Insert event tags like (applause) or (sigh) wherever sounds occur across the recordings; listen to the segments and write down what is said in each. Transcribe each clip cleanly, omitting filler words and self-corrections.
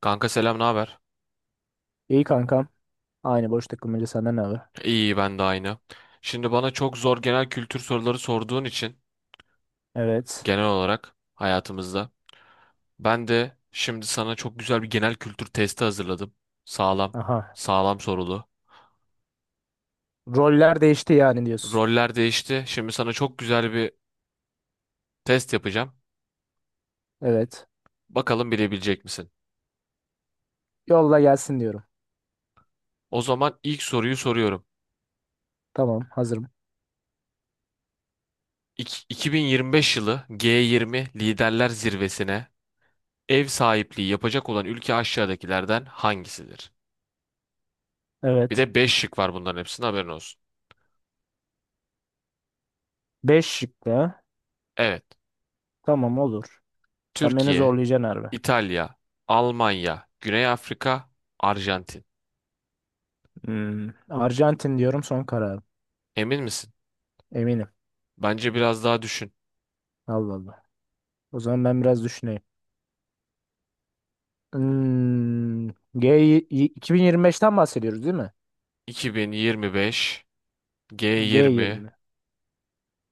Kanka selam, ne haber? İyi kankam. Aynı boş takılmaca senden ne haber? İyi ben de aynı. Şimdi bana çok zor genel kültür soruları sorduğun için Evet. genel olarak hayatımızda ben de şimdi sana çok güzel bir genel kültür testi hazırladım. Sağlam, Aha. sağlam sorulu. Roller değişti yani diyorsun. Roller değişti. Şimdi sana çok güzel bir test yapacağım. Evet. Bakalım bilebilecek misin? Yolla gelsin diyorum. O zaman ilk soruyu soruyorum. Tamam hazırım. 2025 yılı G20 Liderler Zirvesi'ne ev sahipliği yapacak olan ülke aşağıdakilerden hangisidir? Bir Evet. de 5 şık var bunların hepsinin haberin olsun. Beş şıklı. Evet. Tamam olur. Sen beni Türkiye, zorlayacaksın harbi. İtalya, Almanya, Güney Afrika, Arjantin. Hmm. Arjantin diyorum son kararım. Emin misin? Eminim. Bence biraz daha düşün. Allah Allah. O zaman ben biraz düşüneyim. Hmm. G 2025'ten bahsediyoruz değil mi? 2025 G20 G20.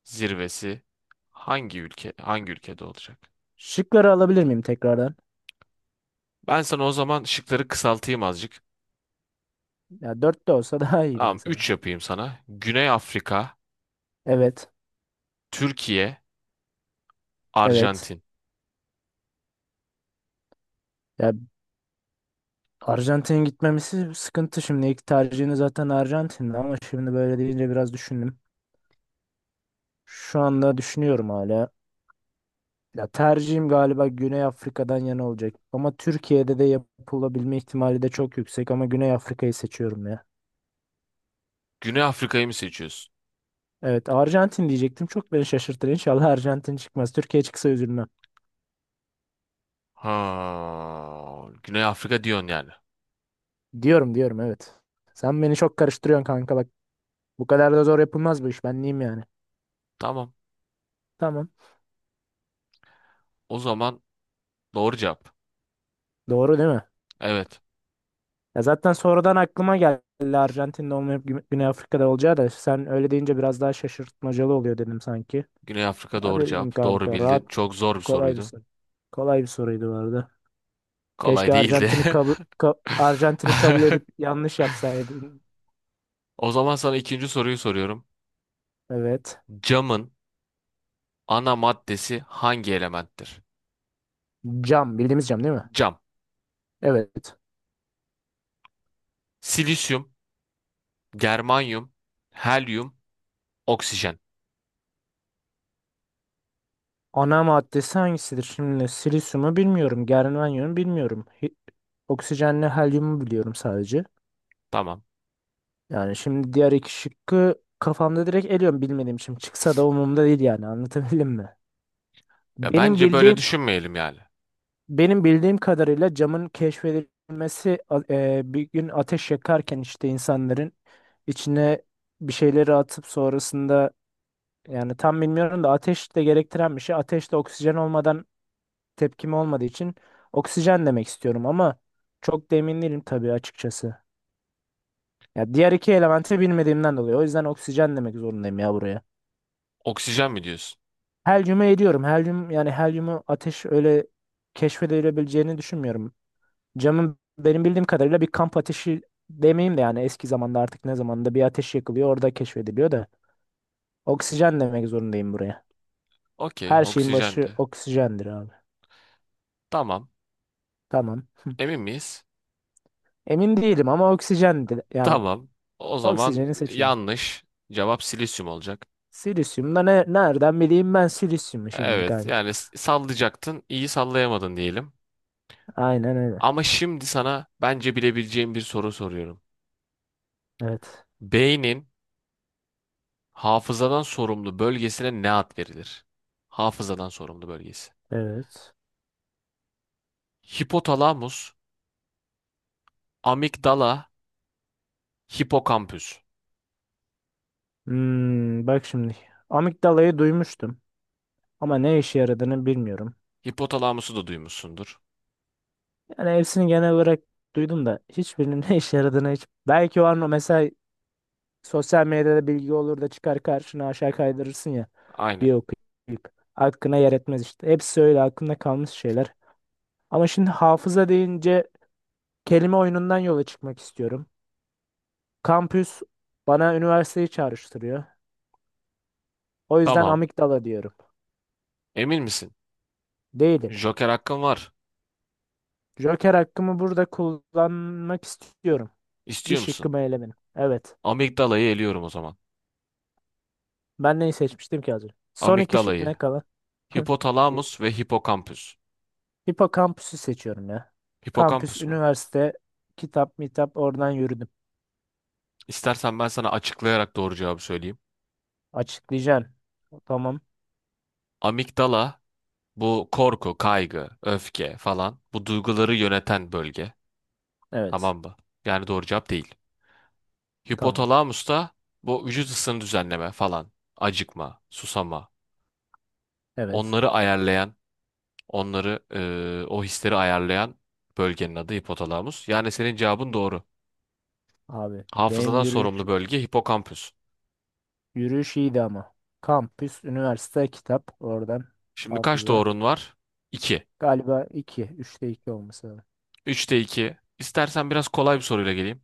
zirvesi hangi ülke hangi ülkede olacak? Şıkları alabilir miyim tekrardan? Ben sana o zaman şıkları kısaltayım azıcık. Ya dört de olsa (laughs) daha iyiydi Tamam, 3 mesela. yapayım sana. Güney Afrika, Evet. Türkiye, Evet. Arjantin. Ya Arjantin'e gitmemesi sıkıntı şimdi. İlk tercihini zaten Arjantin'de ama şimdi böyle deyince biraz düşündüm. Şu anda düşünüyorum hala. Ya tercihim galiba Güney Afrika'dan yana olacak. Ama Türkiye'de de yapılabilme ihtimali de çok yüksek ama Güney Afrika'yı seçiyorum ya. Güney Afrika'yı mı seçiyorsun? Evet, Arjantin diyecektim. Çok beni şaşırtır. İnşallah Arjantin çıkmaz. Türkiye çıksa üzülmem. Ha, Güney Afrika diyorsun yani. Diyorum diyorum evet. Sen beni çok karıştırıyorsun kanka bak. Bu kadar da zor yapılmaz bu iş. Ben neyim yani? Tamam. Tamam. O zaman doğru cevap. Doğru değil mi? Evet. Ya zaten sonradan aklıma geldi Arjantin'de olmayıp Güney Afrika'da olacağı da sen öyle deyince biraz daha şaşırtmacalı oluyor dedim sanki. Güney Afrika Ha, doğru bildim cevap. Doğru kanka bildin. rahat, Çok zor bir kolay bir soruydu. soru. Kolay bir soruydu bu arada. Kolay Keşke değildi. Arjantin'i kabul (laughs) edip yanlış yapsaydın. O zaman sana ikinci soruyu soruyorum. Evet. Camın ana maddesi hangi elementtir? Cam bildiğimiz cam değil mi? Cam. Evet. Silisyum, germanyum, helyum, oksijen. Ana maddesi hangisidir? Şimdi silisyumu bilmiyorum. Germanyumu bilmiyorum. Oksijenle helyumu biliyorum sadece. Tamam. Yani şimdi diğer iki şıkkı kafamda direkt eliyorum bilmediğim için. Çıksa da umurumda değil yani anlatabildim mi? Ya Benim bence böyle bildiğim düşünmeyelim yani. benim bildiğim kadarıyla camın keşfedilmesi bir gün ateş yakarken işte insanların içine bir şeyleri atıp sonrasında yani tam bilmiyorum da ateş de gerektiren bir şey. Ateş de oksijen olmadan tepkimi olmadığı için oksijen demek istiyorum ama çok da emin değilim tabii açıkçası. Ya diğer iki elementi bilmediğimden dolayı. O yüzden oksijen demek zorundayım ya buraya. Oksijen mi diyorsun? Helyumu ediyorum. Helyum, yani helyumu ateş öyle keşfedilebileceğini düşünmüyorum. Camın benim bildiğim kadarıyla bir kamp ateşi demeyeyim de yani eski zamanda artık ne zamanda bir ateş yakılıyor orada keşfediliyor da oksijen demek zorundayım buraya. Okey, Her şeyin başı oksijendi. oksijendir abi. Tamam. Tamam. Emin miyiz? Emin değilim ama oksijendir. Yani Tamam. O zaman oksijeni seçiyorum. yanlış. Cevap silisyum olacak. Silisyum da ne, nereden bileyim ben silisyumu şimdi Evet, kanka. yani sallayacaktın, iyi sallayamadın diyelim. Aynen öyle. Ama şimdi sana bence bilebileceğim bir soru soruyorum. Evet. Beynin hafızadan sorumlu bölgesine ne ad verilir? Hafızadan sorumlu bölgesi. Evet. Hipotalamus, amigdala, hipokampüs. Hmm, bak şimdi. Amigdalayı duymuştum. Ama ne işe yaradığını bilmiyorum. Hipotalamusu da duymuşsundur. Yani hepsini genel olarak duydum da hiçbirinin (laughs) ne işe yaradığını hiç. Belki o an o mesela sosyal medyada bilgi olur da çıkar karşına aşağı kaydırırsın ya. Aynen. Bir okuyup. Hakkına yer etmez işte. Hepsi öyle aklımda kalmış şeyler. Ama şimdi hafıza deyince kelime oyunundan yola çıkmak istiyorum. Kampüs bana üniversiteyi çağrıştırıyor. O yüzden Tamam. amigdala diyorum. Emin misin? Değilim. Joker hakkın var. Joker hakkımı burada kullanmak istiyorum. Bir İstiyor musun? şıkkımı elemedim. Evet. Amigdalayı eliyorum o zaman. Ben neyi seçmiştim ki az önce? Son iki şık Amigdalayı, ne kalan? (laughs) hipotalamus ve hipokampüs. Hipokampüsü seçiyorum ya. Kampüs, Hipokampüs mü? üniversite, kitap, mitap oradan yürüdüm. İstersen ben sana açıklayarak doğru cevabı söyleyeyim. Açıklayacaksın. Tamam. Amigdala, bu korku, kaygı, öfke falan, bu duyguları yöneten bölge. Evet. Tamam mı? Yani doğru cevap değil. Tamam. Hipotalamus da bu vücut ısını düzenleme falan. Acıkma, susama. Evet. Onları ayarlayan, onları o hisleri ayarlayan bölgenin adı hipotalamus. Yani senin cevabın doğru. Abi benim Hafızadan yürüyüş sorumlu bölge hipokampüs. yürüyüş iyiydi ama. Kampüs, üniversite, kitap oradan Şimdi kaç hafıza. doğrun var? 2. Galiba 2, üçte 2 olması lazım. Üçte 2. İstersen biraz kolay bir soruyla geleyim.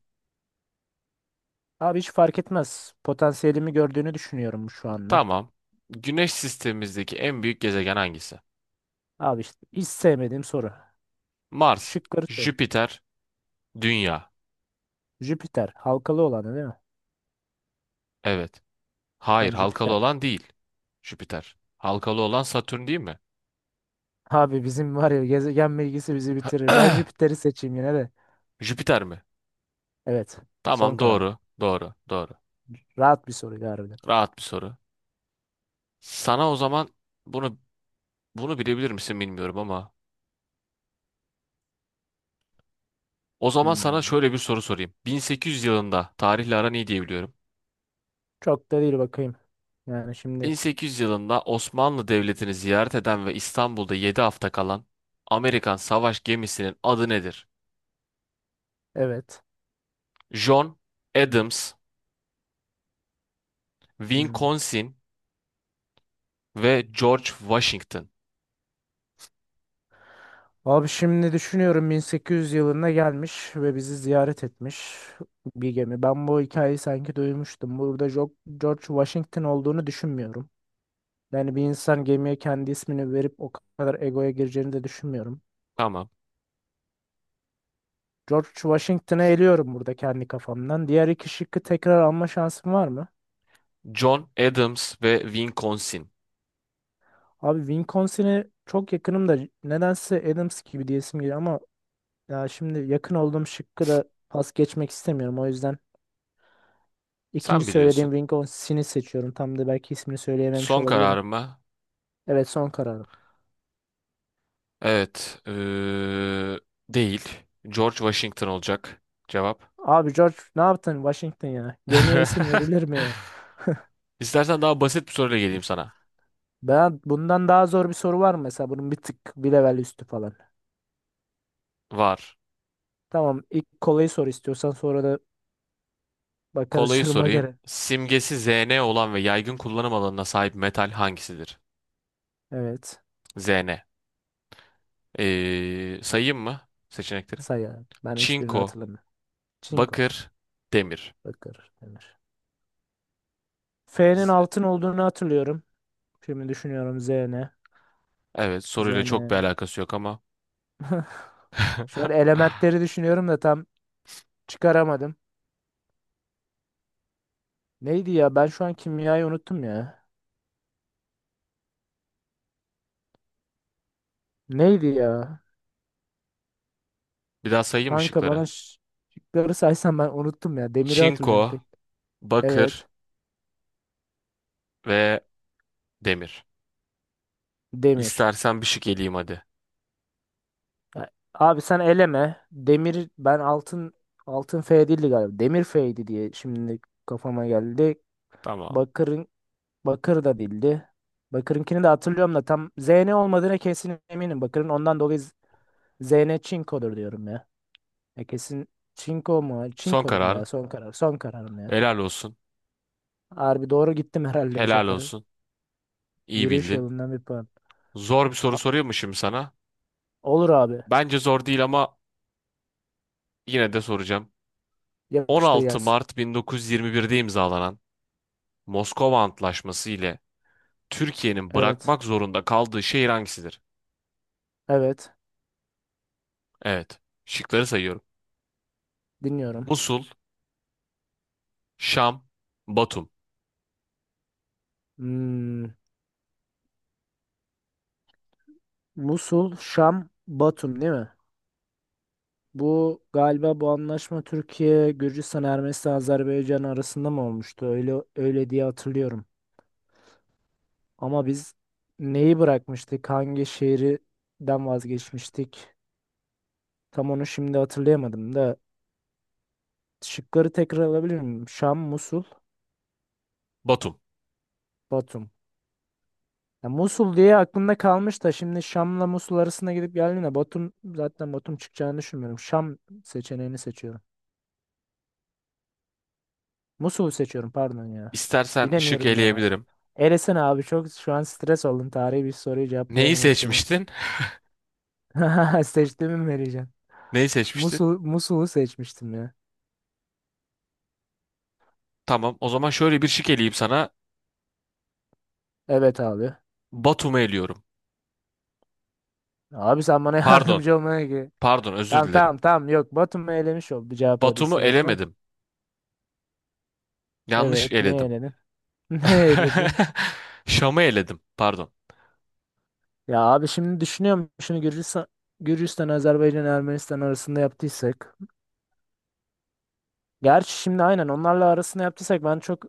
Abi hiç fark etmez. Potansiyelimi gördüğünü düşünüyorum şu anda. Tamam. Güneş sistemimizdeki en büyük gezegen hangisi? Abi işte hiç sevmediğim soru. Mars, Şıkları söyle. Jüpiter, Dünya. Jüpiter halkalı olanı değil mi? Evet. Hayır, Tam halkalı Jüpiter. olan değil. Jüpiter. Halkalı olan Satürn değil mi? Abi bizim var ya gezegen bilgisi bizi bitirir. Ben (clears throat) Jüpiter'i seçeyim yine de. Jüpiter mi? Evet. Son Tamam, kararım. doğru. Doğru, doğru. Rahat bir soru harbiden. Rahat bir soru. Sana o zaman bunu bunu bilebilir misin bilmiyorum ama o zaman sana Hmm. şöyle bir soru sorayım. 1800 yılında tarihle aran iyi diye biliyorum. Çok da değil bakayım. Yani şimdi 1800 yılında Osmanlı Devleti'ni ziyaret eden ve İstanbul'da 7 hafta kalan Amerikan savaş gemisinin adı nedir? evet. John Adams, Hmm. Wisconsin, ve George Washington. Abi şimdi düşünüyorum 1800 yılında gelmiş ve bizi ziyaret etmiş bir gemi. Ben bu hikayeyi sanki duymuştum. Burada George Washington olduğunu düşünmüyorum. Yani bir insan gemiye kendi ismini verip o kadar egoya gireceğini de düşünmüyorum. Tamam. George Washington'ı eliyorum burada kendi kafamdan. Diğer iki şıkkı tekrar alma şansım var mı? John Adams ve Wisconsin. Abi Wisconsin'i çok yakınım da nedense Adams gibi diyesim geliyor ama ya şimdi yakın olduğum şıkkı da pas geçmek istemiyorum. O yüzden ikinci Sen söylediğim biliyorsun. Wisconsin'i seçiyorum. Tam da belki ismini söyleyememiş Son olabilirim. kararımı Evet, son kararım. evet eee, değil. George Washington olacak cevap. Abi George ne yaptın Washington ya? Gemiye isim (laughs) verilir mi ya? İstersen daha basit bir soruyla geleyim sana. Ben bundan daha zor bir soru var mı mesela, bunun bir tık bir level üstü falan. Var. Tamam, ilk kolayı sor istiyorsan sonra da bakarız (laughs) Kolayı duruma sorayım. göre. Simgesi Zn olan ve yaygın kullanım alanına sahip metal hangisidir? Evet. Zn. Sayayım mı seçenekleri? Say abi. Ben hiçbirini Çinko, hatırlamıyorum. Çinko. bakır, demir. Bakır. Demir. F'nin Z- altın olduğunu hatırlıyorum. Şimdi düşünüyorum Z ne? Evet, Z soruyla çok bir ne? alakası yok ama (laughs) Şöyle elementleri düşünüyorum da tam çıkaramadım. Neydi ya? Ben şu an kimyayı unuttum ya. Neydi ya? bir daha sayayım Kanka bana ışıkları. Şıkları saysan ben unuttum ya. Demiri hatırlıyorum Çinko, tek. bakır Evet. ve demir. Demir. İstersen bir şık eleyeyim hadi. Ya, abi sen eleme. Demir ben altın F değildi galiba. Demir F'ydi diye şimdi kafama geldi. Tamam. Bakırın Bakır da değildi. Bakır'ınkini de hatırlıyorum da tam Zn olmadığına kesin eminim. Bakır'ın ondan dolayı Zn Çinko'dur diyorum ya. Ya kesin Çinko mu? Son Çinko'dur ya. kararın. Son karar. Son kararım ya. Helal olsun. Harbi doğru gittim herhalde bu Helal sefer. olsun. İyi Yürüyüş bildin. yılından bir puan. Zor bir soru Ha- soruyor mu şimdi sana? olur abi. Bence zor değil ama yine de soracağım. Yapıştır 16 gelsin. Mart 1921'de imzalanan Moskova Antlaşması ile Türkiye'nin Evet. bırakmak zorunda kaldığı şehir hangisidir? Evet. Evet. Şıkları sayıyorum. Dinliyorum. Musul, Şam, Batum. Hmm, Musul, Şam, Batum değil mi? Bu galiba bu anlaşma Türkiye, Gürcistan, Ermenistan, Azerbaycan arasında mı olmuştu? Öyle öyle diye hatırlıyorum. Ama biz neyi bırakmıştık? Hangi şehirden vazgeçmiştik? Tam onu şimdi hatırlayamadım da şıkları tekrar alabilir miyim? Şam, Musul, Batum. Batum. Ya, Musul diye aklımda kalmış da şimdi Şam'la Musul arasında gidip geldiğinde Batum zaten Batum çıkacağını düşünmüyorum. Şam seçeneğini seçiyorum. Musul'u seçiyorum pardon ya. İstersen şık Bilemiyorum ya. eleyebilirim. Elesene abi, çok şu an stres oldum. Tarihi bir soruyu Neyi cevaplayamamak beni. seçmiştin? (laughs) Seçtiğimi mi vereceğim? (laughs) Neyi seçmiştin? Musul'u seçmiştim ya. Tamam, o zaman şöyle bir şık eleyeyim sana. Evet abi. Batum'u eliyorum. Abi sen bana (laughs) Pardon, yardımcı olmaya ki. pardon, özür Tamam, dilerim. tamam, tamam, yok Batum'u elemiş oldu cevap o Batum'u değilse zaten. elemedim. Yanlış Evet, niye eledim. eledin? (laughs) Ne eledin? (laughs) Şam'ı eledim, pardon. Ya abi, şimdi düşünüyorum şunu, Gürcistan, Azerbaycan, Ermenistan arasında yaptıysak. Gerçi şimdi aynen onlarla arasında yaptıysak ben çok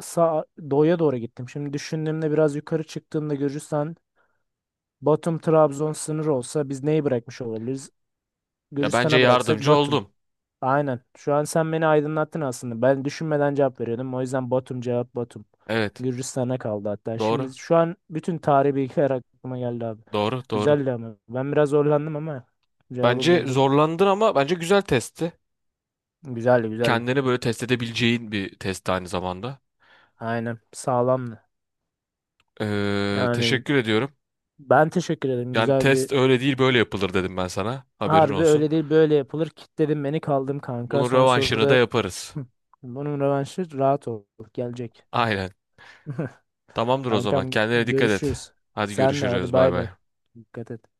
sağ, doğuya doğru gittim. Şimdi düşündüğümde biraz yukarı çıktığımda Gürcistan, Batum, Trabzon sınırı olsa biz neyi bırakmış olabiliriz? Ya bence Gürcistan'a bıraksak yardımcı Batum. oldum. Aynen. Şu an sen beni aydınlattın aslında. Ben düşünmeden cevap veriyordum. O yüzden Batum cevap, Batum. Evet, Gürcistan'a kaldı hatta. doğru, Şimdi şu an bütün tarihi bilgiler aklıma geldi abi. doğru, doğru. Güzeldi ama. Ben biraz zorlandım ama cevabı Bence bulduk. zorlandın ama bence güzel testti. Güzeldi güzeldi. Kendini böyle test edebileceğin bir test aynı zamanda. Aynen. Sağlamdı. Yani Teşekkür ediyorum. ben teşekkür ederim. Yani Güzel bir, test öyle değil böyle yapılır dedim ben sana. Haberin harbi olsun. öyle değil böyle yapılır. Kitledin beni kaldım kanka. Bunun Son rövanşını da soruda (clears throat) yaparız. hı, bunun rövanşı rahat ol. Gelecek. Aynen. (laughs) Tamamdır o zaman. Kankam Kendine dikkat et. görüşürüz. Hadi Senle hadi görüşürüz. Bay bay bay. bay. Dikkat et.